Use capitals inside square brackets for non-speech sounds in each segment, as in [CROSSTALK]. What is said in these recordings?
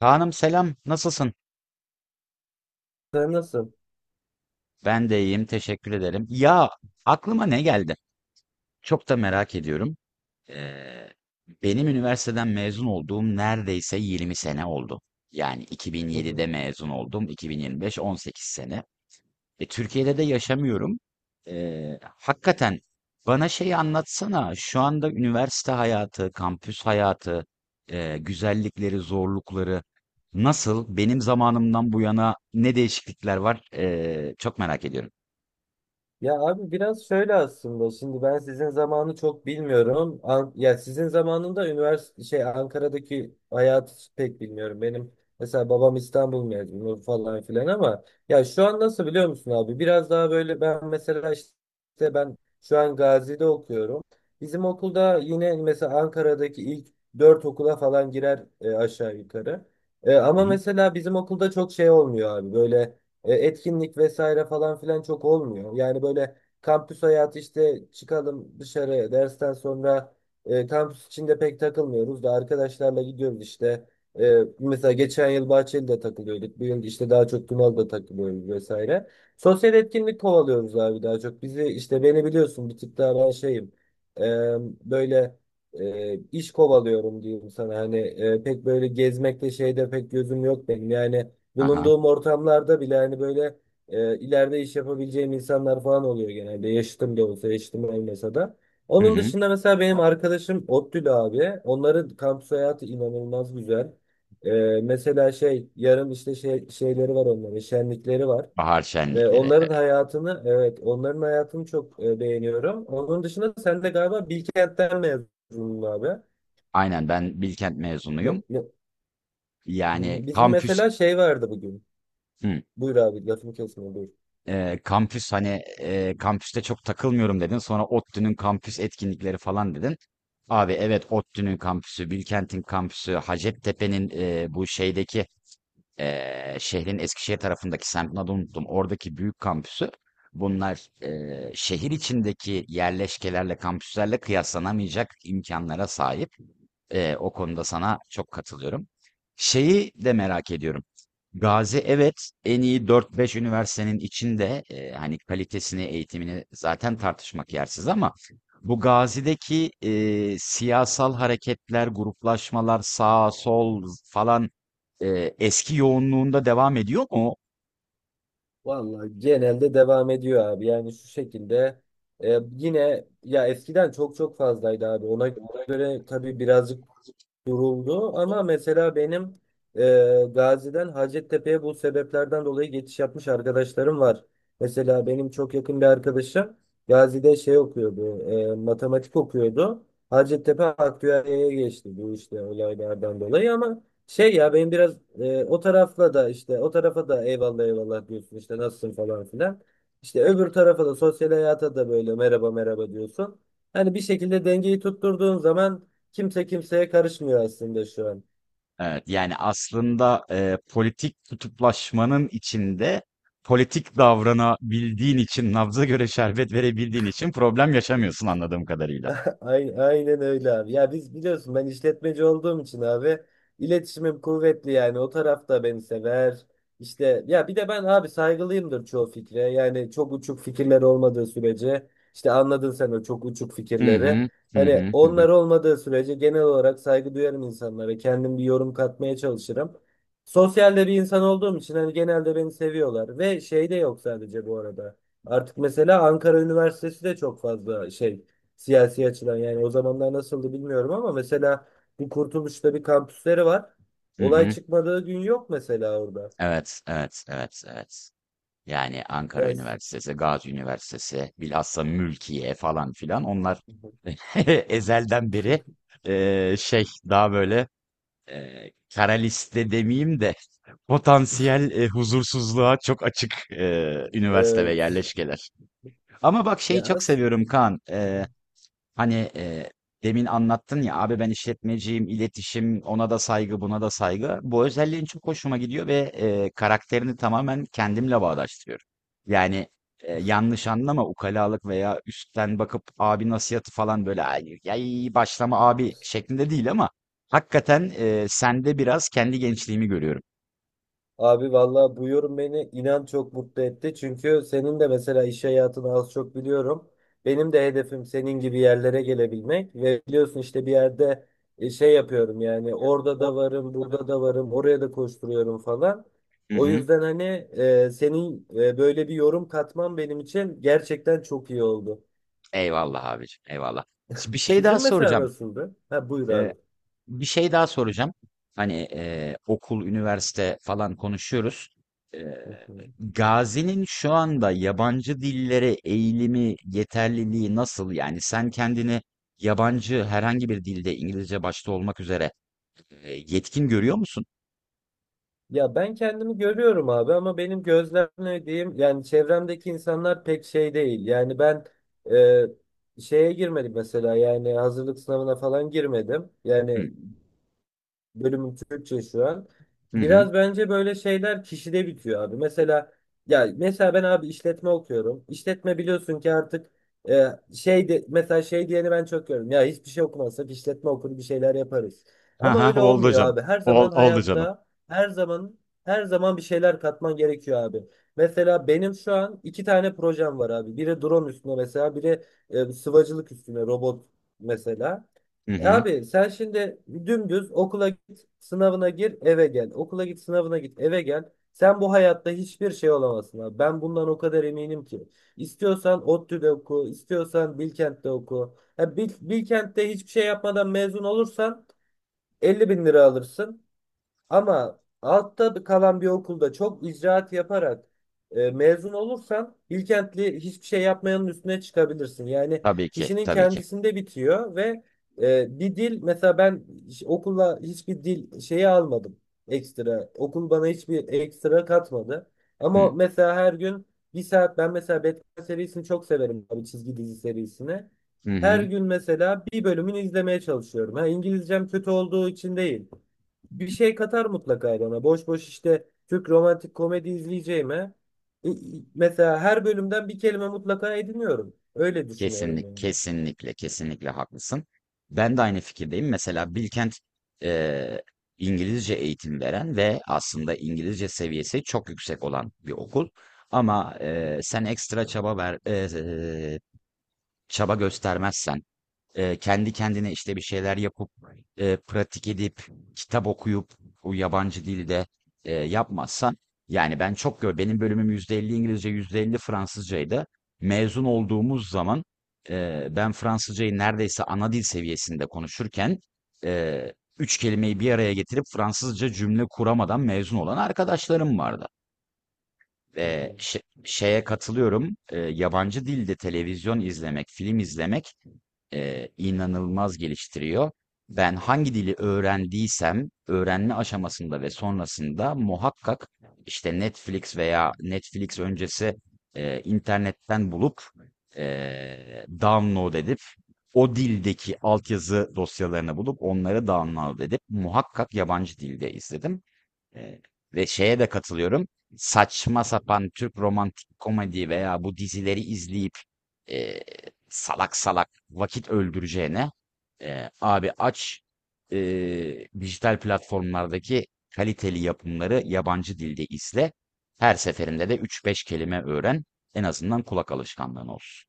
Kaan'ım selam, nasılsın? Sen nasıl? Ben de iyiyim, teşekkür ederim. Ya aklıma ne geldi? Çok da merak ediyorum. Ee, Benim üniversiteden mezun olduğum neredeyse 20 sene oldu. Yani Hı hı. 2007'de mezun oldum, 2025 18 sene. Türkiye'de de yaşamıyorum. Hakikaten bana şeyi anlatsana. Şu anda üniversite hayatı, kampüs hayatı, güzellikleri, zorlukları nasıl? Benim zamanımdan bu yana ne değişiklikler var? Çok merak ediyorum. Ya abi biraz şöyle aslında, şimdi ben sizin zamanı çok bilmiyorum. Ya sizin zamanında üniversite Ankara'daki hayatı pek bilmiyorum. Benim mesela babam İstanbul mezunu falan filan, ama ya şu an nasıl biliyor musun abi? Biraz daha böyle ben mesela işte ben şu an Gazi'de okuyorum. Bizim okulda yine mesela Ankara'daki ilk dört okula falan girer, aşağı yukarı. Hı? Ama mesela bizim okulda çok şey olmuyor abi, böyle etkinlik vesaire falan filan çok olmuyor. Yani böyle kampüs hayatı işte, çıkalım dışarı dersten sonra, kampüs içinde pek takılmıyoruz da arkadaşlarla gidiyoruz işte. Mesela geçen yıl Bahçeli'de takılıyorduk. Bu yıl işte daha çok Tunalı'da takılıyoruz vesaire. Sosyal etkinlik kovalıyoruz abi daha çok. Bizi işte, beni biliyorsun, bir tık daha ben şeyim. E, Böyle iş kovalıyorum diyeyim sana. Hani pek böyle gezmekte şeyde pek gözüm yok benim. Yani Aha. bulunduğum ortamlarda bile hani böyle ileride iş yapabileceğim insanlar falan oluyor genelde. Yaşıtım da olsa, yaşıtım olmasa da. Hı Onun hı. dışında mesela benim arkadaşım Ottül abi. Onların kampüs hayatı inanılmaz güzel. E, Mesela şey yarın işte şeyleri var onların, şenlikleri var. Bahar Ve şenlikleri. Onların hayatını, evet onların hayatını çok beğeniyorum. Onun dışında sen de galiba Bilkent'ten mezunsun abi. Aynen ben Bilkent Ne- mezunuyum. ne- Yani Bizim kampüs. mesela şey vardı bugün. Hı. Buyur abi, lafımı kesme. Kampüs hani kampüste çok takılmıyorum dedin. Sonra ODTÜ'nün kampüs etkinlikleri falan dedin. Abi evet ODTÜ'nün kampüsü, Bilkent'in kampüsü, Hacettepe'nin bu şeydeki şehrin Eskişehir tarafındaki semtini adını unuttum. Oradaki büyük kampüsü. Bunlar şehir içindeki yerleşkelerle, kampüslerle kıyaslanamayacak imkanlara sahip. O konuda sana çok katılıyorum. Şeyi de merak ediyorum. Gazi evet en iyi dört beş üniversitenin içinde hani kalitesini, eğitimini zaten tartışmak yersiz ama bu Gazi'deki siyasal hareketler, gruplaşmalar, sağ, sol falan eski yoğunluğunda devam ediyor mu? Vallahi genelde devam ediyor abi. Yani şu şekilde, yine ya eskiden çok çok fazlaydı abi. Ona göre tabii birazcık duruldu, ama mesela benim Gazi'den Hacettepe'ye bu sebeplerden dolayı geçiş yapmış arkadaşlarım var. Mesela benim çok yakın bir arkadaşım Gazi'de şey okuyordu, matematik okuyordu. Hacettepe Aktüerya'ya geçti bu işte olaylardan dolayı, ama şey ya benim biraz o tarafla da, işte o tarafa da eyvallah eyvallah diyorsun işte, nasılsın falan filan. İşte öbür tarafa da, sosyal hayata da böyle merhaba merhaba diyorsun. Hani bir şekilde dengeyi tutturduğun zaman kimse kimseye karışmıyor aslında şu an. Evet, yani aslında politik kutuplaşmanın içinde politik davranabildiğin için, nabza göre şerbet verebildiğin için problem yaşamıyorsun anladığım kadarıyla. [LAUGHS] Aynen, aynen öyle abi. Ya biz biliyorsun, ben işletmeci olduğum için abi iletişimim kuvvetli, yani o taraf da beni sever. İşte ya bir de ben abi saygılıyımdır çoğu fikre. Yani çok uçuk fikirler olmadığı sürece, işte anladın sen o çok uçuk Hı fikirleri. hı, hı Hani hı, hı hı, onlar olmadığı sürece genel olarak saygı duyarım insanlara. Kendim bir yorum katmaya çalışırım. Sosyalde bir insan olduğum için hani genelde beni seviyorlar, ve şey de yok sadece bu arada. Artık mesela Ankara Üniversitesi de çok fazla şey, siyasi açıdan. Yani o zamanlar nasıldı bilmiyorum, ama mesela bu Kurtuluş'ta bir kampüsleri var. hı Olay hı. çıkmadığı gün yok mesela orada. Evet, evet, evet, evet. Yani Ankara Ya Üniversitesi, Gazi Üniversitesi, bilhassa Mülkiye falan filan onlar [LAUGHS] ezelden beri [LAUGHS] şey daha böyle kara liste demeyeyim de potansiyel huzursuzluğa çok açık üniversite ve evet. yerleşkeler. Ama bak şeyi Ya çok seviyorum Kaan. hı hı. Hani, demin anlattın ya, abi ben işletmeciyim, iletişim, ona da saygı, buna da saygı. Bu özelliğin çok hoşuma gidiyor ve, karakterini tamamen kendimle bağdaştırıyorum. Yani, yanlış anlama, ukalalık veya üstten bakıp abi nasihatı falan böyle, "Ay, yay, başlama abi." şeklinde değil ama hakikaten, sende biraz kendi gençliğimi görüyorum. Abi vallahi bu yorum beni inan çok mutlu etti. Çünkü senin de mesela iş hayatını az çok biliyorum. Benim de hedefim senin gibi yerlere gelebilmek, ve biliyorsun işte bir yerde şey yapıyorum, yani orada da O- varım, burada da varım, oraya da koşturuyorum falan. Hı O hı. yüzden hani senin böyle bir yorum katman benim için gerçekten çok iyi oldu. Eyvallah abicim, eyvallah. bir şey daha Sizin mesela soracağım. nasıldı? Ha, buyur abi. Bir şey daha soracağım. Hani okul, üniversite falan konuşuyoruz. Eee, [LAUGHS] Gazi'nin şu anda yabancı dillere eğilimi, yeterliliği nasıl? Yani sen kendini yabancı herhangi bir dilde İngilizce başta olmak üzere yetkin görüyor musun? Ya ben kendimi görüyorum abi, ama benim gözlemlediğim, yani çevremdeki insanlar pek şey değil. Yani ben şeye girmedim mesela, yani hazırlık sınavına falan girmedim. Hı Yani bölümün Türkçe şu an. hı. Hı. Biraz bence böyle şeyler kişide bitiyor abi. Mesela ya mesela ben abi işletme okuyorum. İşletme biliyorsun ki artık e, şey de, mesela şey diyeni ben çok görüyorum. Ya hiçbir şey okumazsak işletme okur bir şeyler yaparız. Ha Ama ha öyle oldu olmuyor canım. abi. Her zaman Oldu canım. hayatta, her zaman her zaman bir şeyler katman gerekiyor abi. Mesela benim şu an iki tane projem var abi. Biri drone üstüne mesela, biri sıvacılık üstüne robot mesela. Hı hı. Abi sen şimdi dümdüz okula git, sınavına gir, eve gel. Okula git, sınavına git, eve gel. Sen bu hayatta hiçbir şey olamazsın abi. Ben bundan o kadar eminim ki. İstiyorsan ODTÜ'de oku, istiyorsan Bilkent'te oku. Ya Bilkent'te hiçbir şey yapmadan mezun olursan 50 bin lira alırsın. Ama altta kalan bir okulda çok icraat yaparak, mezun olursan Bilkentli hiçbir şey yapmayanın üstüne çıkabilirsin. Yani Tabii ki, kişinin tabii ki. kendisinde bitiyor, ve bir dil mesela, ben okula hiçbir dil şeyi almadım, ekstra. Okul bana hiçbir ekstra katmadı. Hı Ama mesela her gün bir saat, ben mesela Batman serisini çok severim abi, çizgi dizi serisini. hı. Her Hı. gün mesela bir bölümünü izlemeye çalışıyorum. Ha, İngilizcem kötü olduğu için değil, bir şey katar mutlaka bana. Boş boş işte Türk romantik komedi izleyeceğime, e, e, mesela her bölümden bir kelime mutlaka ediniyorum. Öyle düşünüyorum yani. Kesinlikle, kesinlikle haklısın. Ben de aynı fikirdeyim. Mesela Bilkent eee, İngilizce eğitim veren ve aslında İngilizce seviyesi çok yüksek olan bir okul. Ama Hı sen hı, ekstra çaba ver, çaba göstermezsen kendi kendine işte bir şeyler yapıp pratik edip kitap okuyup o yabancı dilde yapmazsan yani ben çok gör benim bölümüm %50 İngilizce %50 Fransızcaydı. Mezun olduğumuz zaman ben Fransızcayı neredeyse ana dil seviyesinde konuşurken e, üç kelimeyi bir araya getirip Fransızca cümle kuramadan mezun olan arkadaşlarım vardı. hı hı. Şeye katılıyorum. Yabancı dilde televizyon izlemek, film izlemek inanılmaz geliştiriyor. Ben hangi dili öğrendiysem öğrenme aşamasında ve sonrasında muhakkak işte Netflix veya Netflix öncesi internetten bulup download edip o dildeki altyazı dosyalarını bulup onları download edip muhakkak yabancı dilde izledim. Eee, Ve şeye de katılıyorum. Saçma sapan Türk romantik komedi veya bu dizileri izleyip eee, salak salak vakit öldüreceğine abi aç dijital platformlardaki kaliteli yapımları yabancı dilde izle. Her seferinde de üç beş kelime öğren. En azından kulak alışkanlığın olsun.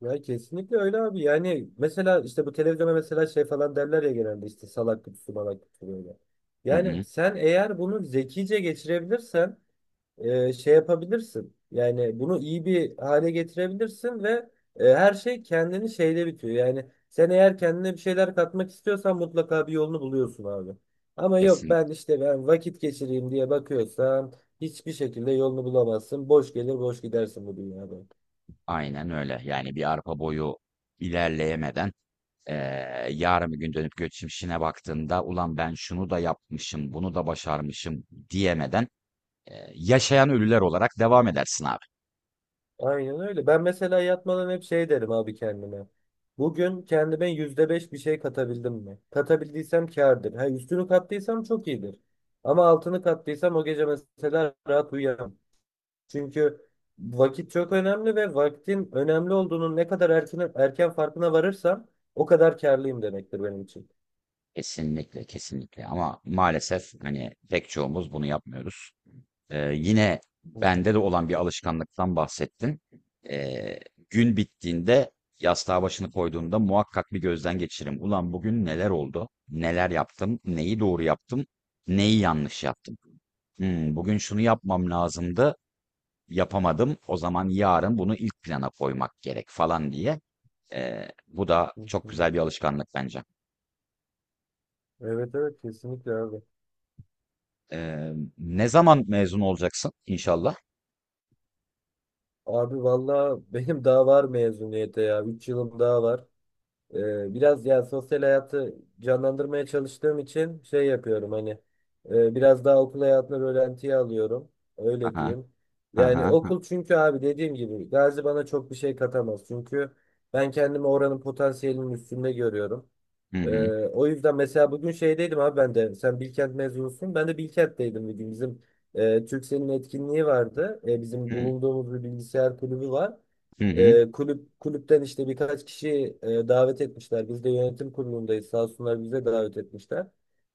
Ya kesinlikle öyle abi. Yani mesela işte bu televizyona mesela şey falan derler ya genelde, işte salak kutusu malak kutusu böyle. Hı Yani hı, sen eğer bunu zekice geçirebilirsen, şey yapabilirsin. Yani bunu iyi bir hale getirebilirsin, ve her şey kendini şeyde bitiyor. Yani sen eğer kendine bir şeyler katmak istiyorsan mutlaka bir yolunu buluyorsun abi. Ama yok, kesin. ben işte vakit geçireyim diye bakıyorsan hiçbir şekilde yolunu bulamazsın. Boş gelir boş gidersin bu dünyada. Aynen öyle. Yani bir arpa boyu ilerleyemeden yarın bir gün dönüp geçmişine baktığında ulan ben şunu da yapmışım, bunu da başarmışım diyemeden yaşayan ölüler olarak devam edersin abi. Aynen öyle. Ben mesela yatmadan hep şey derim abi kendime: bugün kendime %5 bir şey katabildim mi? Katabildiysem kârdır. Ha, üstünü kattıysam çok iyidir. Ama altını kattıysam o gece mesela rahat uyuyamam. Çünkü vakit çok önemli, ve vaktin önemli olduğunun ne kadar erken, erken farkına varırsam o kadar kârlıyım demektir benim için. Kesinlikle, kesinlikle. Ama maalesef hani pek çoğumuz bunu yapmıyoruz. Yine Hı bende hı, de olan bir alışkanlıktan bahsettin. Eee, Gün bittiğinde yastığa başını koyduğumda muhakkak bir gözden geçiririm. Ulan bugün neler oldu? Neler yaptım? Neyi doğru yaptım? Neyi yanlış yaptım? Bugün şunu yapmam lazımdı, yapamadım. O zaman yarın bunu ilk plana koymak gerek falan diye. Bu da hı çok hı. güzel bir alışkanlık bence. Evet, evet, kesinlikle abi. Eee, Ne zaman mezun olacaksın inşallah? Abi valla [LAUGHS] benim daha var mezuniyete ya. 3 yılım daha var. Biraz yani sosyal hayatı canlandırmaya çalıştığım için şey yapıyorum, hani biraz daha okul hayatını rölantiye alıyorum. Öyle Aha, diyeyim. aha, Yani ha, okul, çünkü abi dediğim gibi Gazi bana çok bir şey katamaz. Çünkü ben kendimi oranın potansiyelinin üstünde görüyorum. hı Ee, hı, O yüzden mesela bugün şeydeydim abi, ben de. Sen Bilkent mezunusun. Ben de Bilkent'teydim bugün. Bizim Turkcell'in etkinliği vardı. Bizim hı, bulunduğumuz bir bilgisayar kulübü var. hı hı. Kulüpten işte birkaç kişi davet etmişler. Biz de yönetim kurulundayız. Sağ olsunlar, bize davet etmişler.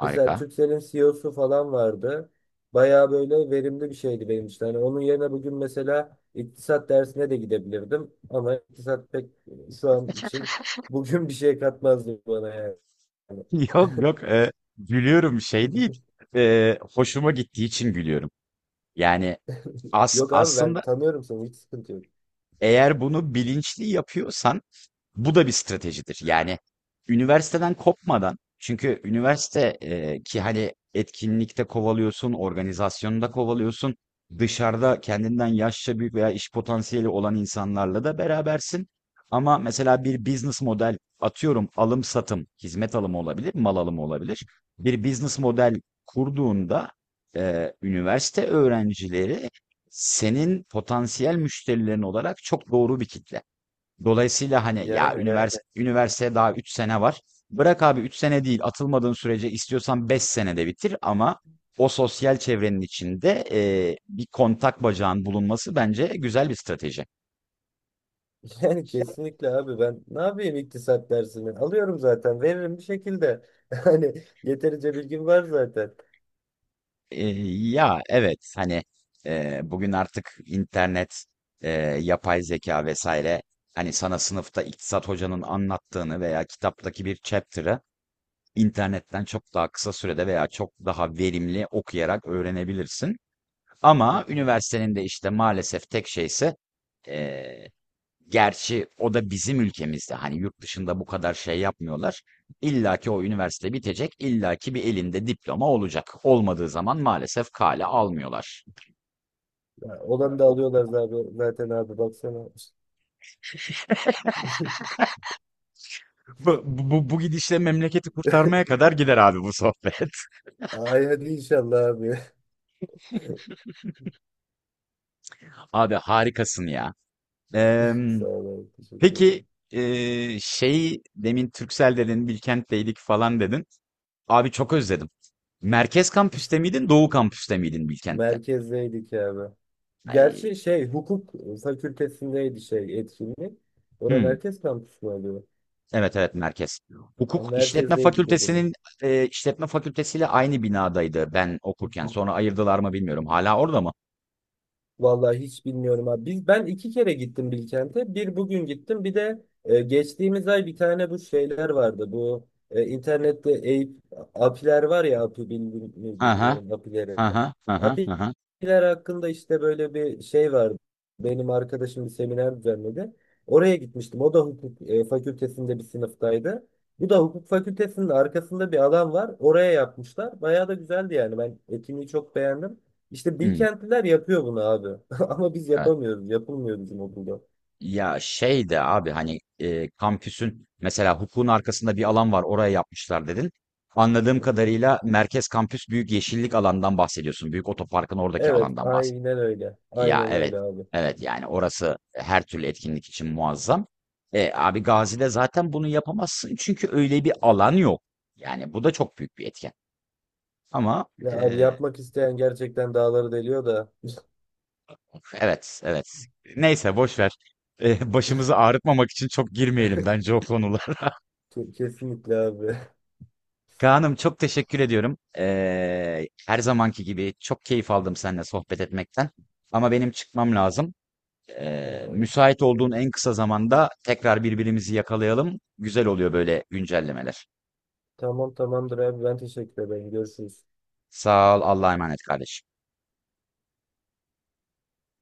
Mesela Harika. Turkcell'in CEO'su falan vardı. Bayağı böyle verimli bir şeydi benim için. Hani onun yerine bugün mesela iktisat dersine de gidebilirdim. Ama iktisat pek şu an için, bugün bir şey katmazdı bana yani. Yani. [LAUGHS] Yok yok, gülüyorum şey değil. [LAUGHS] Hoşuma gittiği için gülüyorum. Yani Yok abi, ben aslında tanıyorum seni, hiç sıkıntı yok. eğer bunu bilinçli yapıyorsan bu da bir stratejidir. Yani üniversiteden kopmadan çünkü üniversite ki hani etkinlikte kovalıyorsun, organizasyonda kovalıyorsun, dışarıda kendinden yaşça büyük veya iş potansiyeli olan insanlarla da berabersin. Ama mesela bir business model atıyorum alım satım, hizmet alımı olabilir, mal alımı olabilir. Bir business model kurduğunda üniversite öğrencileri senin potansiyel müşterilerin olarak çok doğru bir kitle. Dolayısıyla hani ya, evet, Yani. [LAUGHS] Üniversiteye daha 3 sene var. Bırak abi 3 sene değil, atılmadığın sürece istiyorsan 5 senede bitir ama o sosyal çevrenin içinde bir kontak bacağın bulunması bence güzel bir strateji. Yani kesinlikle abi, ben ne yapayım iktisat dersini? Alıyorum zaten, veririm bir şekilde. [LAUGHS] Hani yeterince bilgim var zaten. E, Ya evet hani bugün artık internet, e, yapay zeka vesaire hani sana sınıfta iktisat hocanın anlattığını veya kitaptaki bir chapter'ı internetten çok daha kısa sürede veya çok daha verimli okuyarak öğrenebilirsin. Hı Ama hı. üniversitenin de işte maalesef tek şeyse eee, gerçi o da bizim ülkemizde hani yurt dışında bu kadar şey yapmıyorlar. İlla ki o üniversite bitecek, illa ki bir elinde diploma olacak. Olmadığı zaman maalesef kale almıyorlar. Ya, olanı da O- alıyorlar zaten, zaten abi, baksana. [LAUGHS] Bu, gidişle memleketi kurtarmaya kadar gider abi bu sohbet. Ay hadi inşallah abi. [LAUGHS] Abi harikasın ya. Eee [LAUGHS] Sağ ol abi, teşekkür Peki ederim. Şey demin Türksel dedin, Bilkent'teydik falan dedin. Abi çok özledim. Merkez kampüste miydin, Doğu kampüste miydin Bilkent'te? Merkezdeydik abi. Ay, Gerçi şey, hukuk fakültesindeydi şey etkinlik. Orada Hmm, merkez kampüsü mü oluyor? evet evet, merkez. Ama Hukuk işletme merkezdeydik o zaman. Fakültesinin işletme fakültesiyle aynı binadaydı ben okurken. Sonra [LAUGHS] ayırdılar mı bilmiyorum. Hala orada mı? Vallahi hiç bilmiyorum abi. Biz, ben iki kere gittim Bilkent'e. Bir bugün gittim. Bir de geçtiğimiz ay bir tane bu şeyler vardı. Bu internette Eyüp apiler var ya, api Aha, bilmiyorum apileri. aha, aha, aha. Apiler hakkında işte böyle bir şey vardı. Benim arkadaşım bir seminer düzenledi. Oraya gitmiştim. O da hukuk fakültesinde bir sınıftaydı. Bu da hukuk fakültesinin arkasında bir alan var, oraya yapmışlar. Bayağı da güzeldi yani. Ben etkinliği çok beğendim. İşte Hmm, Bilkentliler yapıyor bunu abi. [LAUGHS] Ama biz evet. yapamıyoruz. Yapılmıyor bizim okulda. Ya şey de abi hani kampüsün mesela hukukun arkasında bir alan var oraya yapmışlar dedin. Anladığım Hı hı. kadarıyla merkez kampüs büyük yeşillik alandan bahsediyorsun. Büyük otoparkın oradaki Evet, alandan bahsediyorsun. aynen öyle. Ya Aynen evet. öyle abi. Evet yani orası her türlü etkinlik için muazzam. Abi Gazi'de zaten bunu yapamazsın çünkü öyle bir alan yok. Yani bu da çok büyük bir etken. Ama Ya abi, e, yapmak isteyen gerçekten dağları deliyor da. [LAUGHS] evet evet. Neyse boş ver. Başımızı ağrıtmamak için çok girmeyelim bence o konulara. Kesinlikle abi. [LAUGHS] Kaan'ım çok teşekkür ediyorum. Her zamanki gibi çok keyif aldım seninle sohbet etmekten. Ama benim çıkmam lazım. Yani, Müsait olduğun en kısa zamanda tekrar birbirimizi yakalayalım. Güzel oluyor böyle güncellemeler. tamam tamamdır abi. Ben teşekkür ederim. Görüşürüz. Sağ ol, Allah'a emanet kardeşim.